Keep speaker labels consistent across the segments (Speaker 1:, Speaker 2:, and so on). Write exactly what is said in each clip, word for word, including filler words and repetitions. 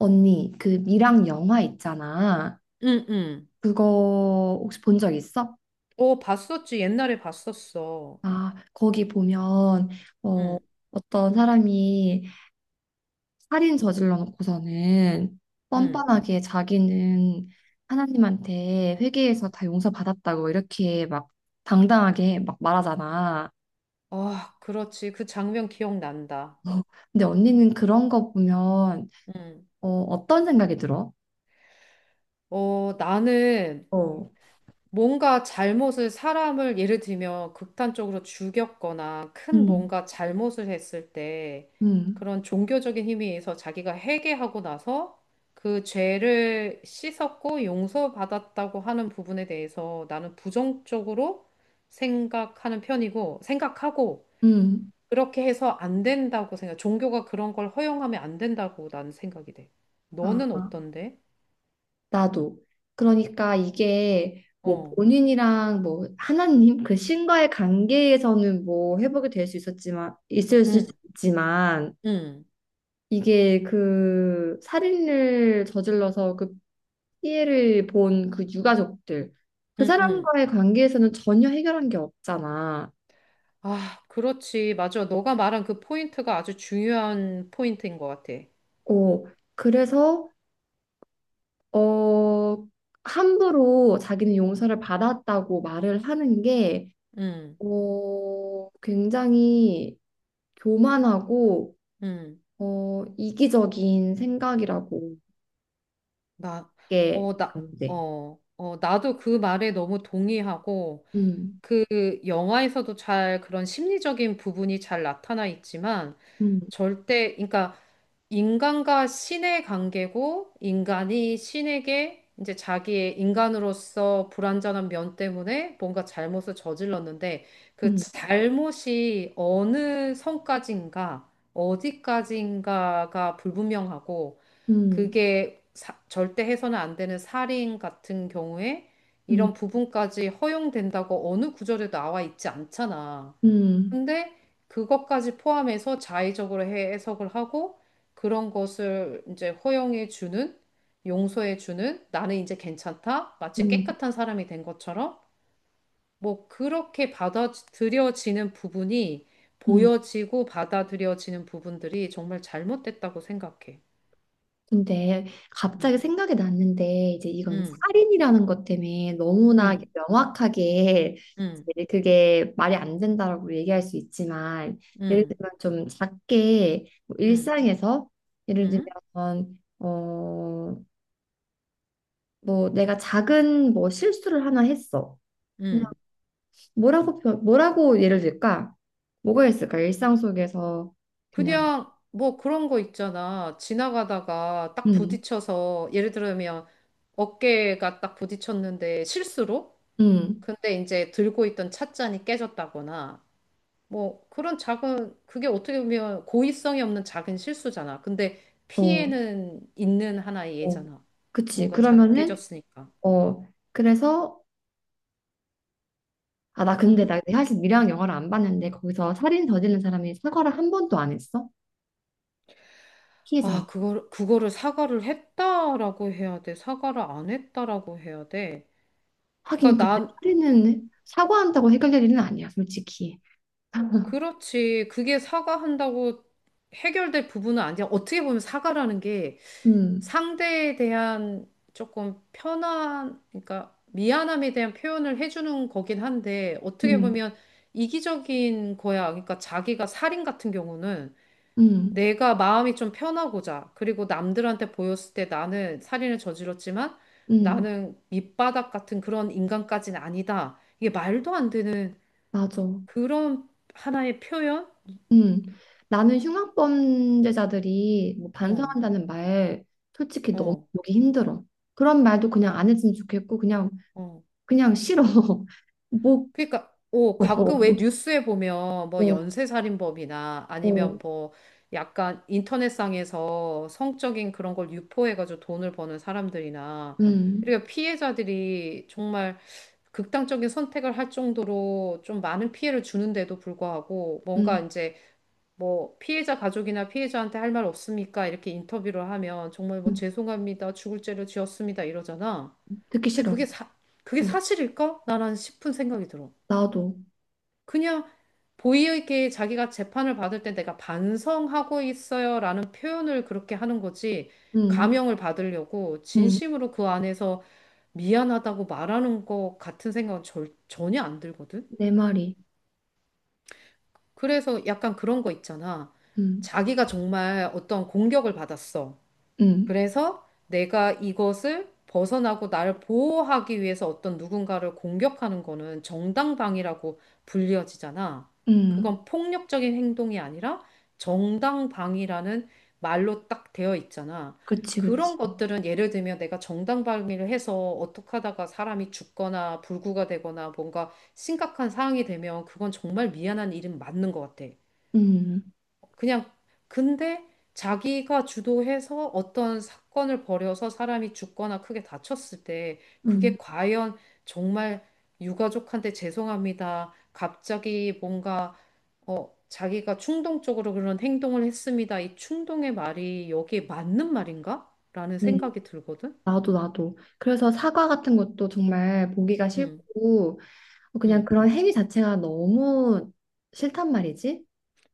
Speaker 1: 언니, 그 미랑 영화 있잖아.
Speaker 2: 응, 응.
Speaker 1: 그거 혹시 본 적 있어?
Speaker 2: 어, 봤었지. 옛날에 봤었어.
Speaker 1: 아, 거기 보면 어,
Speaker 2: 응,
Speaker 1: 어떤 사람이 살인 저질러 놓고서는
Speaker 2: 응.
Speaker 1: 뻔뻔하게 자기는 하나님한테 회개해서 다 용서받았다고 이렇게 막 당당하게 막 말하잖아.
Speaker 2: 아, 그렇지. 그 장면 기억난다.
Speaker 1: 어, 근데 언니는 그런 거 보면
Speaker 2: 응.
Speaker 1: 어, 어떤 생각이 들어?
Speaker 2: 어, 나는
Speaker 1: 어.
Speaker 2: 뭔가 잘못을 사람을 예를 들면 극단적으로 죽였거나 큰
Speaker 1: 음,
Speaker 2: 뭔가 잘못을 했을 때
Speaker 1: 음,
Speaker 2: 그런 종교적인 힘에 의해서 자기가 회개하고 나서 그 죄를 씻었고 용서받았다고 하는 부분에 대해서 나는 부정적으로 생각하는 편이고 생각하고
Speaker 1: 음.
Speaker 2: 그렇게 해서 안 된다고 생각. 종교가 그런 걸 허용하면 안 된다고 나는 생각이 돼. 너는
Speaker 1: 아.
Speaker 2: 어떤데?
Speaker 1: 나도. 그러니까 이게 뭐
Speaker 2: 어.
Speaker 1: 본인이랑 뭐 하나님 그 신과의 관계에서는 뭐 회복이 될 수 있었지만 있을
Speaker 2: 응.
Speaker 1: 수 있지만
Speaker 2: 응.
Speaker 1: 이게 그 살인을 저질러서 그 피해를 본 그 유가족들 그
Speaker 2: 응. 응.
Speaker 1: 사람과의 관계에서는 전혀 해결한 게 없잖아.
Speaker 2: 아, 그렇지. 맞아. 너가 말한 그 포인트가 아주 중요한 포인트인 것 같아.
Speaker 1: 어, 그래서 어 함부로 자기는 용서를 받았다고 말을 하는 게
Speaker 2: 응.
Speaker 1: 어, 굉장히 교만하고
Speaker 2: 응.
Speaker 1: 어, 이기적인 생각이라고
Speaker 2: 나,
Speaker 1: 그게
Speaker 2: 어, 나,
Speaker 1: 안 돼.
Speaker 2: 어, 어, 나도 그 말에 너무 동의하고,
Speaker 1: 음,
Speaker 2: 그 영화에서도 잘 그런 심리적인 부분이 잘 나타나 있지만
Speaker 1: 음,
Speaker 2: 절대, 그러니까 인간과 신의 관계고 인간이 신에게 이제 자기의 인간으로서 불완전한 면 때문에 뭔가 잘못을 저질렀는데 그
Speaker 1: 음,
Speaker 2: 잘못이 어느 선까지인가 어디까지인가가 불분명하고
Speaker 1: 음,
Speaker 2: 그게 사- 절대 해서는 안 되는 살인 같은 경우에
Speaker 1: 음,
Speaker 2: 이런 부분까지 허용된다고 어느 구절에 나와 있지 않잖아.
Speaker 1: 음,
Speaker 2: 근데 그것까지 포함해서 자의적으로 해- 해석을 하고 그런 것을 이제 허용해 주는, 용서해 주는 나는 이제 괜찮다. 마치
Speaker 1: 음,
Speaker 2: 깨끗한 사람이 된 것처럼 뭐 그렇게 받아들여지는 부분이
Speaker 1: 음.
Speaker 2: 보여지고 받아들여지는 부분들이 정말 잘못됐다고 생각해.
Speaker 1: 근데
Speaker 2: 음,
Speaker 1: 갑자기 생각이 났는데 이제 이건
Speaker 2: 음,
Speaker 1: 살인이라는 것 때문에 너무나
Speaker 2: 음.
Speaker 1: 명확하게
Speaker 2: 응,
Speaker 1: 이제 그게 말이 안 된다라고 얘기할 수 있지만 예를 들면
Speaker 2: 응,
Speaker 1: 좀 작게 뭐
Speaker 2: 응,
Speaker 1: 일상에서 예를
Speaker 2: 응,
Speaker 1: 들면 어 뭐 내가 작은 뭐 실수를 하나 했어.
Speaker 2: 응.
Speaker 1: 뭐라고 표, 뭐라고 예를 들까? 뭐가 있을까? 일상 속에서 그냥.
Speaker 2: 그냥 뭐 그런 거 있잖아. 지나가다가 딱
Speaker 1: 음,
Speaker 2: 부딪혀서 예를 들면 어깨가 딱 부딪혔는데 실수로?
Speaker 1: 음,
Speaker 2: 근데 이제 들고 있던 찻잔이 깨졌다거나 뭐 그런 작은 그게 어떻게 보면 고의성이 없는 작은 실수잖아. 근데
Speaker 1: 어,
Speaker 2: 피해는 있는 하나의
Speaker 1: 어,
Speaker 2: 예잖아.
Speaker 1: 그치.
Speaker 2: 뭔가 잔
Speaker 1: 그러면은.
Speaker 2: 깨졌으니까.
Speaker 1: 어, 그래서 아, 나 근데
Speaker 2: 응?
Speaker 1: 나 사실 미랑 영화를 안 봤는데 거기서 살인 저지른 사람이 사과를 한 번도 안 했어?
Speaker 2: 아,
Speaker 1: 피해자한테.
Speaker 2: 그걸, 그거를 사과를 했다라고 해야 돼. 사과를 안 했다라고 해야 돼.
Speaker 1: 하긴
Speaker 2: 그러니까
Speaker 1: 근데
Speaker 2: 난
Speaker 1: 살인은 사과한다고 해결될 일은 아니야, 솔직히.
Speaker 2: 그렇지. 그게 사과한다고 해결될 부분은 아니야. 어떻게 보면 사과라는 게
Speaker 1: 음,
Speaker 2: 상대에 대한 조금 편한, 그러니까 미안함에 대한 표현을 해주는 거긴 한데 어떻게
Speaker 1: 음,
Speaker 2: 보면 이기적인 거야. 그러니까 자기가 살인 같은 경우는
Speaker 1: 음,
Speaker 2: 내가 마음이 좀 편하고자 그리고 남들한테 보였을 때 나는 살인을 저질렀지만
Speaker 1: 음,
Speaker 2: 나는 밑바닥 같은 그런 인간까지는 아니다. 이게 말도 안 되는
Speaker 1: 맞아.
Speaker 2: 그런 하나의 표현?
Speaker 1: 음, 나는 흉악범죄자들이 뭐
Speaker 2: 어,
Speaker 1: 반성한다는 말 솔직히 너무
Speaker 2: 어,
Speaker 1: 보기 힘들어. 그런 말도 그냥 안 했으면 좋겠고 그냥
Speaker 2: 어.
Speaker 1: 그냥 싫어. 뭐,
Speaker 2: 그러니까, 오,
Speaker 1: 어,
Speaker 2: 가끔 왜 뉴스에 보면 뭐
Speaker 1: 어,
Speaker 2: 연쇄살인범이나
Speaker 1: 어,
Speaker 2: 아니면 뭐 약간 인터넷상에서 성적인 그런 걸 유포해가지고 돈을 버는 사람들이나
Speaker 1: 음,
Speaker 2: 이렇게 피해자들이 정말 극단적인 선택을 할 정도로 좀 많은 피해를 주는데도 불구하고 뭔가
Speaker 1: 음,
Speaker 2: 이제 뭐 피해자 가족이나 피해자한테 할 말 없습니까? 이렇게 인터뷰를 하면 정말 뭐
Speaker 1: 음,
Speaker 2: 죄송합니다. 죽을 죄를 지었습니다. 이러잖아.
Speaker 1: 듣기
Speaker 2: 근데
Speaker 1: 싫어.
Speaker 2: 그게 사, 그게
Speaker 1: 어,
Speaker 2: 사실일까? 나란 싶은 생각이 들어.
Speaker 1: 나도,
Speaker 2: 그냥 보이에게 자기가 재판을 받을 때 내가 반성하고 있어요라는 표현을 그렇게 하는 거지.
Speaker 1: 음,
Speaker 2: 감형을 받으려고
Speaker 1: 음,
Speaker 2: 진심으로 그 안에서 미안하다고 말하는 것 같은 생각은 절, 전혀 안 들거든.
Speaker 1: 내 말이,
Speaker 2: 그래서 약간 그런 거 있잖아.
Speaker 1: 음,
Speaker 2: 자기가 정말 어떤 공격을 받았어.
Speaker 1: 음,
Speaker 2: 그래서 내가 이것을 벗어나고 나를 보호하기 위해서 어떤 누군가를 공격하는 거는 정당방위라고 불려지잖아.
Speaker 1: 음,
Speaker 2: 그건 폭력적인 행동이 아니라 정당방위라는 말로 딱 되어 있잖아.
Speaker 1: 그치, 그치,
Speaker 2: 그런 것들은 예를 들면 내가 정당방위를 해서 어떻게 하다가 사람이 죽거나 불구가 되거나 뭔가 심각한 상황이 되면 그건 정말 미안한 일은 맞는 것 같아.
Speaker 1: 음,
Speaker 2: 그냥 근데 자기가 주도해서 어떤 사건을 벌여서 사람이 죽거나 크게 다쳤을 때
Speaker 1: 음,
Speaker 2: 그게 과연 정말 유가족한테 죄송합니다. 갑자기 뭔가 어 자기가 충동적으로 그런 행동을 했습니다. 이 충동의 말이 여기에 맞는 말인가? 라는
Speaker 1: 음,
Speaker 2: 생각이 들거든.
Speaker 1: 나도, 나도. 그래서 사과 같은 것도 정말 보기가
Speaker 2: 응,
Speaker 1: 싫고. 그냥
Speaker 2: 응,
Speaker 1: 그런 행위 자체가 너무 싫단 말이지.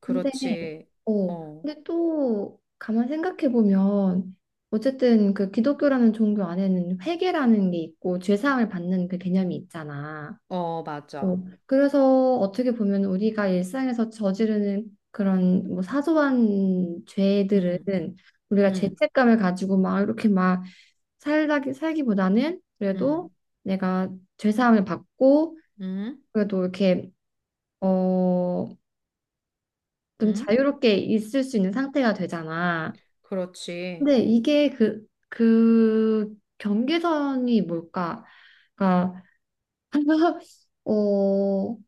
Speaker 1: 근데
Speaker 2: 그렇지.
Speaker 1: 어,
Speaker 2: 어,
Speaker 1: 근데 또 가만 생각해 보면 어쨌든 그 기독교라는 종교 안에는 회개라는 게 있고 죄사함을 받는 그 개념이 있잖아.
Speaker 2: 어,
Speaker 1: 어,
Speaker 2: 맞아.
Speaker 1: 그래서 어떻게 보면 우리가 일상에서 저지르는 그런 뭐 사소한 죄들은
Speaker 2: 응,
Speaker 1: 우리가
Speaker 2: 응,
Speaker 1: 죄책감을 가지고 막 이렇게 막 살다 살기보다는 그래도
Speaker 2: 응,
Speaker 1: 내가 죄사함을 받고
Speaker 2: 응,
Speaker 1: 그래도 이렇게 어, 좀
Speaker 2: 응,
Speaker 1: 자유롭게 있을 수 있는 상태가 되잖아.
Speaker 2: 그렇지.
Speaker 1: 근데 이게 그, 그 경계선이 뭘까? 그러니까, 어,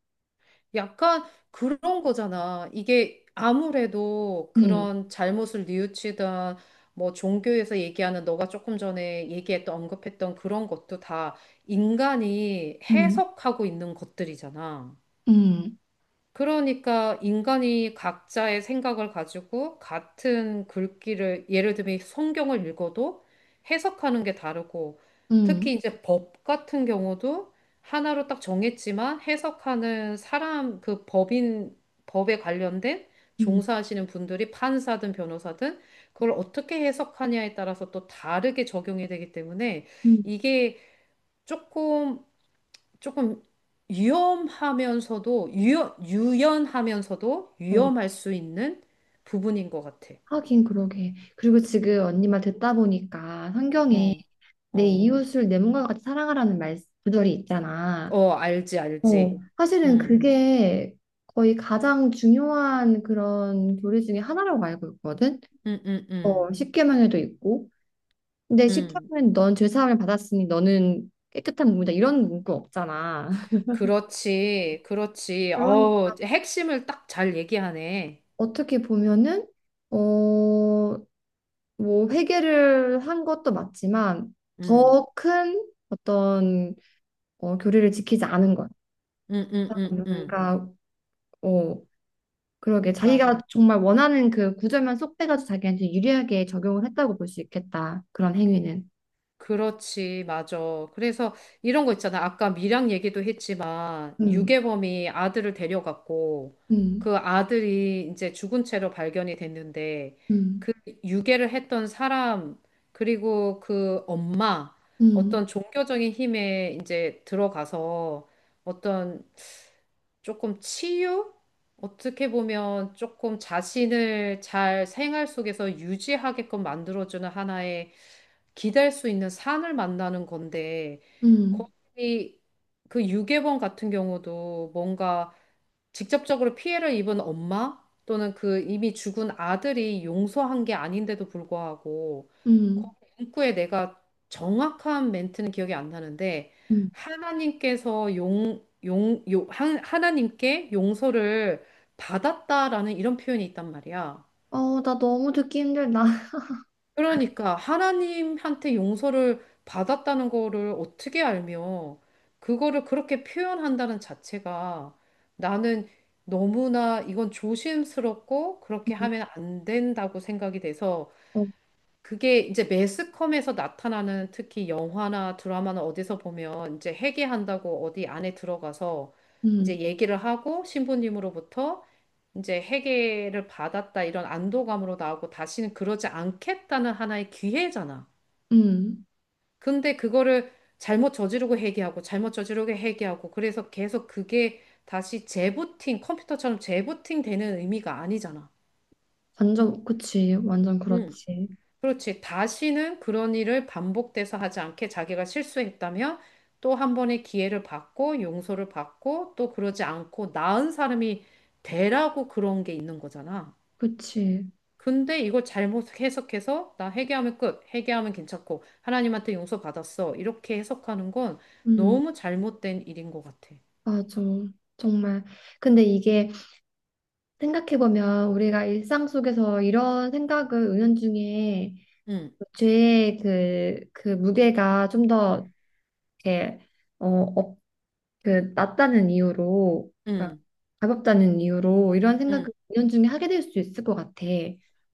Speaker 2: 약간 그런 거잖아. 이게 아무래도
Speaker 1: 음,
Speaker 2: 그런 잘못을 뉘우치던 뭐 종교에서 얘기하는 너가 조금 전에 얘기했던 언급했던 그런 것도 다 인간이
Speaker 1: 음,
Speaker 2: 해석하고 있는 것들이잖아.
Speaker 1: 음,
Speaker 2: 그러니까 인간이 각자의 생각을 가지고 같은 글귀를 예를 들면 성경을 읽어도 해석하는 게 다르고
Speaker 1: 음,
Speaker 2: 특히 이제 법 같은 경우도 하나로 딱 정했지만 해석하는 사람 그 법인 법에 관련된
Speaker 1: 음,
Speaker 2: 종사하시는 분들이 판사든 변호사든 그걸 어떻게 해석하냐에 따라서 또 다르게 적용이 되기 때문에
Speaker 1: 음,
Speaker 2: 이게 조금 조금 위험하면서도 유연, 유연하면서도
Speaker 1: 어,
Speaker 2: 위험할 수 있는 부분인 것 같아.
Speaker 1: 하긴 그러게. 그리고 지금 언니 말 듣다 보니까 성경에
Speaker 2: 어,
Speaker 1: 내
Speaker 2: 어,
Speaker 1: 이웃을 내 몸과 같이 사랑하라는 말 구절이 있잖아.
Speaker 2: 어, 알지,
Speaker 1: 어,
Speaker 2: 알지.
Speaker 1: 사실은
Speaker 2: 음,
Speaker 1: 그게 거의 가장 중요한 그런 교리 중에 하나라고 알고 있거든.
Speaker 2: 음, 음,
Speaker 1: 어,
Speaker 2: 음,
Speaker 1: 십계명에도 있고. 근데
Speaker 2: 음.
Speaker 1: 십계명은 넌 죄사함을 받았으니 너는 깨끗한 몸이다. 이런 문구 없잖아.
Speaker 2: 그렇지, 그렇지.
Speaker 1: 그러니
Speaker 2: 어, 핵심을 딱 잘 얘기하네.
Speaker 1: 어떻게 보면은 어, 뭐 회개를 한 것도 맞지만
Speaker 2: 음,
Speaker 1: 더 큰 어떤 어, 교리를 지키지 않은 것.
Speaker 2: 음, 음, 음, 음.
Speaker 1: 그러니까 어, 그러게
Speaker 2: 맞아.
Speaker 1: 자기가 정말 원하는 그 구절만 쏙 빼가지고 자기한테 유리하게 적용을 했다고 볼 수 있겠다. 그런 행위는.
Speaker 2: 그렇지, 맞아. 그래서 이런 거 있잖아. 아까 밀양 얘기도 했지만,
Speaker 1: 음,
Speaker 2: 유괴범이 아들을 데려갔고,
Speaker 1: 음,
Speaker 2: 그 아들이 이제 죽은 채로 발견이 됐는데,
Speaker 1: 음,
Speaker 2: 그 유괴를 했던 사람, 그리고 그 엄마,
Speaker 1: 음,
Speaker 2: 어떤 종교적인 힘에 이제 들어가서 어떤 조금 치유? 어떻게 보면 조금 자신을 잘 생활 속에서 유지하게끔 만들어주는 하나의 기댈 수 있는 산을 만나는 건데
Speaker 1: 음,
Speaker 2: 거기 그 유괴범 같은 경우도 뭔가 직접적으로 피해를 입은 엄마 또는 그 이미 죽은 아들이 용서한 게 아닌데도 불구하고
Speaker 1: 음, 음.
Speaker 2: 거기 문구에 내가 정확한 멘트는 기억이 안 나는데
Speaker 1: 음.
Speaker 2: 하나님께서 용, 용, 용, 하- 하나님께 용서를 받았다라는 이런 표현이 있단 말이야.
Speaker 1: 어, 나 너무 듣기 힘들다.
Speaker 2: 그러니까 하나님한테 용서를 받았다는 거를 어떻게 알며 그거를 그렇게 표현한다는 자체가 나는 너무나 이건 조심스럽고 그렇게
Speaker 1: 음,
Speaker 2: 하면 안 된다고 생각이 돼서
Speaker 1: 어,
Speaker 2: 그게 이제 매스컴에서 나타나는 특히 영화나 드라마나 어디서 보면 이제 회계한다고 어디 안에 들어가서
Speaker 1: 음,
Speaker 2: 이제 얘기를 하고 신부님으로부터 이제 회계를 받았다 이런 안도감으로 나오고 다시는 그러지 않겠다는 하나의 기회잖아.
Speaker 1: 음.
Speaker 2: 근데 그거를 잘못 저지르고 회계하고 잘못 저지르고 회계하고 그래서 계속 그게 다시 재부팅, 컴퓨터처럼 재부팅 되는 의미가 아니잖아.
Speaker 1: 완전, 그치. 완전 그렇지.
Speaker 2: 그렇지. 다시는 그런 일을 반복돼서 하지 않게 자기가 실수했다면 또 한 번의 기회를 받고 용서를 받고 또 그러지 않고 나은 사람이 되라고 그런 게 있는 거잖아.
Speaker 1: 그치.
Speaker 2: 근데 이걸 잘못 해석해서 나 회개하면 끝, 회개하면 괜찮고 하나님한테 용서 받았어. 이렇게 해석하는 건
Speaker 1: 음,
Speaker 2: 너무 잘못된 일인 것 같아.
Speaker 1: 맞아. 정말. 근데 이게 생각해보면 우리가 일상 속에서 이런 생각을 은연중에
Speaker 2: 응,
Speaker 1: 죄의 그, 그 무게가 좀 더
Speaker 2: 음.
Speaker 1: 이렇게, 어, 그 낫다는 이유로 그러니까
Speaker 2: 응,
Speaker 1: 가볍다는 이유로 이런 생각을
Speaker 2: 응.
Speaker 1: 은연중에 하게 될 수 있을 것 같아.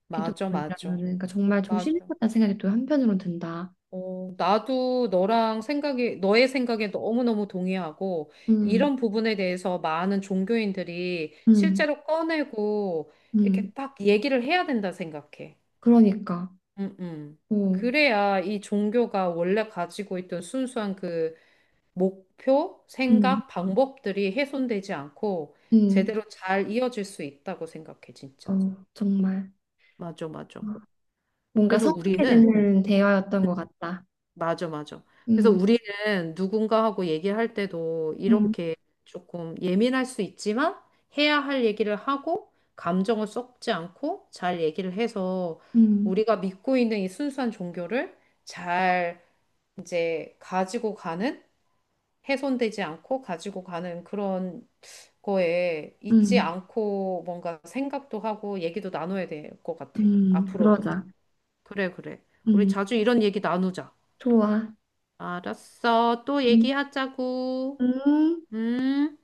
Speaker 2: 맞아,
Speaker 1: 기독교인이라면은
Speaker 2: 맞아,
Speaker 1: 그러니까 정말
Speaker 2: 맞아.
Speaker 1: 조심해야겠다는 생각이 또 한편으로 든다.
Speaker 2: 어, 나도 너랑 생각이, 너의 생각에 너무너무 동의하고,
Speaker 1: 음,
Speaker 2: 이런 부분에 대해서 많은 종교인들이
Speaker 1: 음,
Speaker 2: 실제로 꺼내고, 이렇게
Speaker 1: 음.
Speaker 2: 딱 얘기를 해야 된다 생각해.
Speaker 1: 그러니까,
Speaker 2: 음, 음.
Speaker 1: 어,
Speaker 2: 그래야 이 종교가 원래 가지고 있던 순수한 그 목표,
Speaker 1: 음,
Speaker 2: 생각, 방법들이 훼손되지 않고,
Speaker 1: 음,
Speaker 2: 제대로 잘 이어질 수 있다고 생각해, 진짜.
Speaker 1: 어, 정말
Speaker 2: 맞아, 맞아.
Speaker 1: 뭔가
Speaker 2: 그래서 우리는
Speaker 1: 성숙해지는 대화였던 것 같다.
Speaker 2: 맞아, 맞아. 그래서
Speaker 1: 음,
Speaker 2: 우리는 누군가하고 얘기할 때도
Speaker 1: 음,
Speaker 2: 이렇게 조금 예민할 수 있지만 해야 할 얘기를 하고 감정을 섞지 않고 잘 얘기를 해서
Speaker 1: 음,
Speaker 2: 우리가 믿고 있는 이 순수한 종교를 잘 이제 가지고 가는 훼손되지 않고 가지고 가는 그런 거에 잊지
Speaker 1: 음,
Speaker 2: 않고 뭔가 생각도 하고 얘기도 나눠야 될 것 같아.
Speaker 1: 음.
Speaker 2: 앞으로도.
Speaker 1: 그러자.
Speaker 2: 그래, 그래. 우리
Speaker 1: 음,
Speaker 2: 자주 이런 얘기 나누자.
Speaker 1: 좋아.
Speaker 2: 알았어. 또
Speaker 1: 음,
Speaker 2: 얘기하자고.
Speaker 1: 음.
Speaker 2: 응.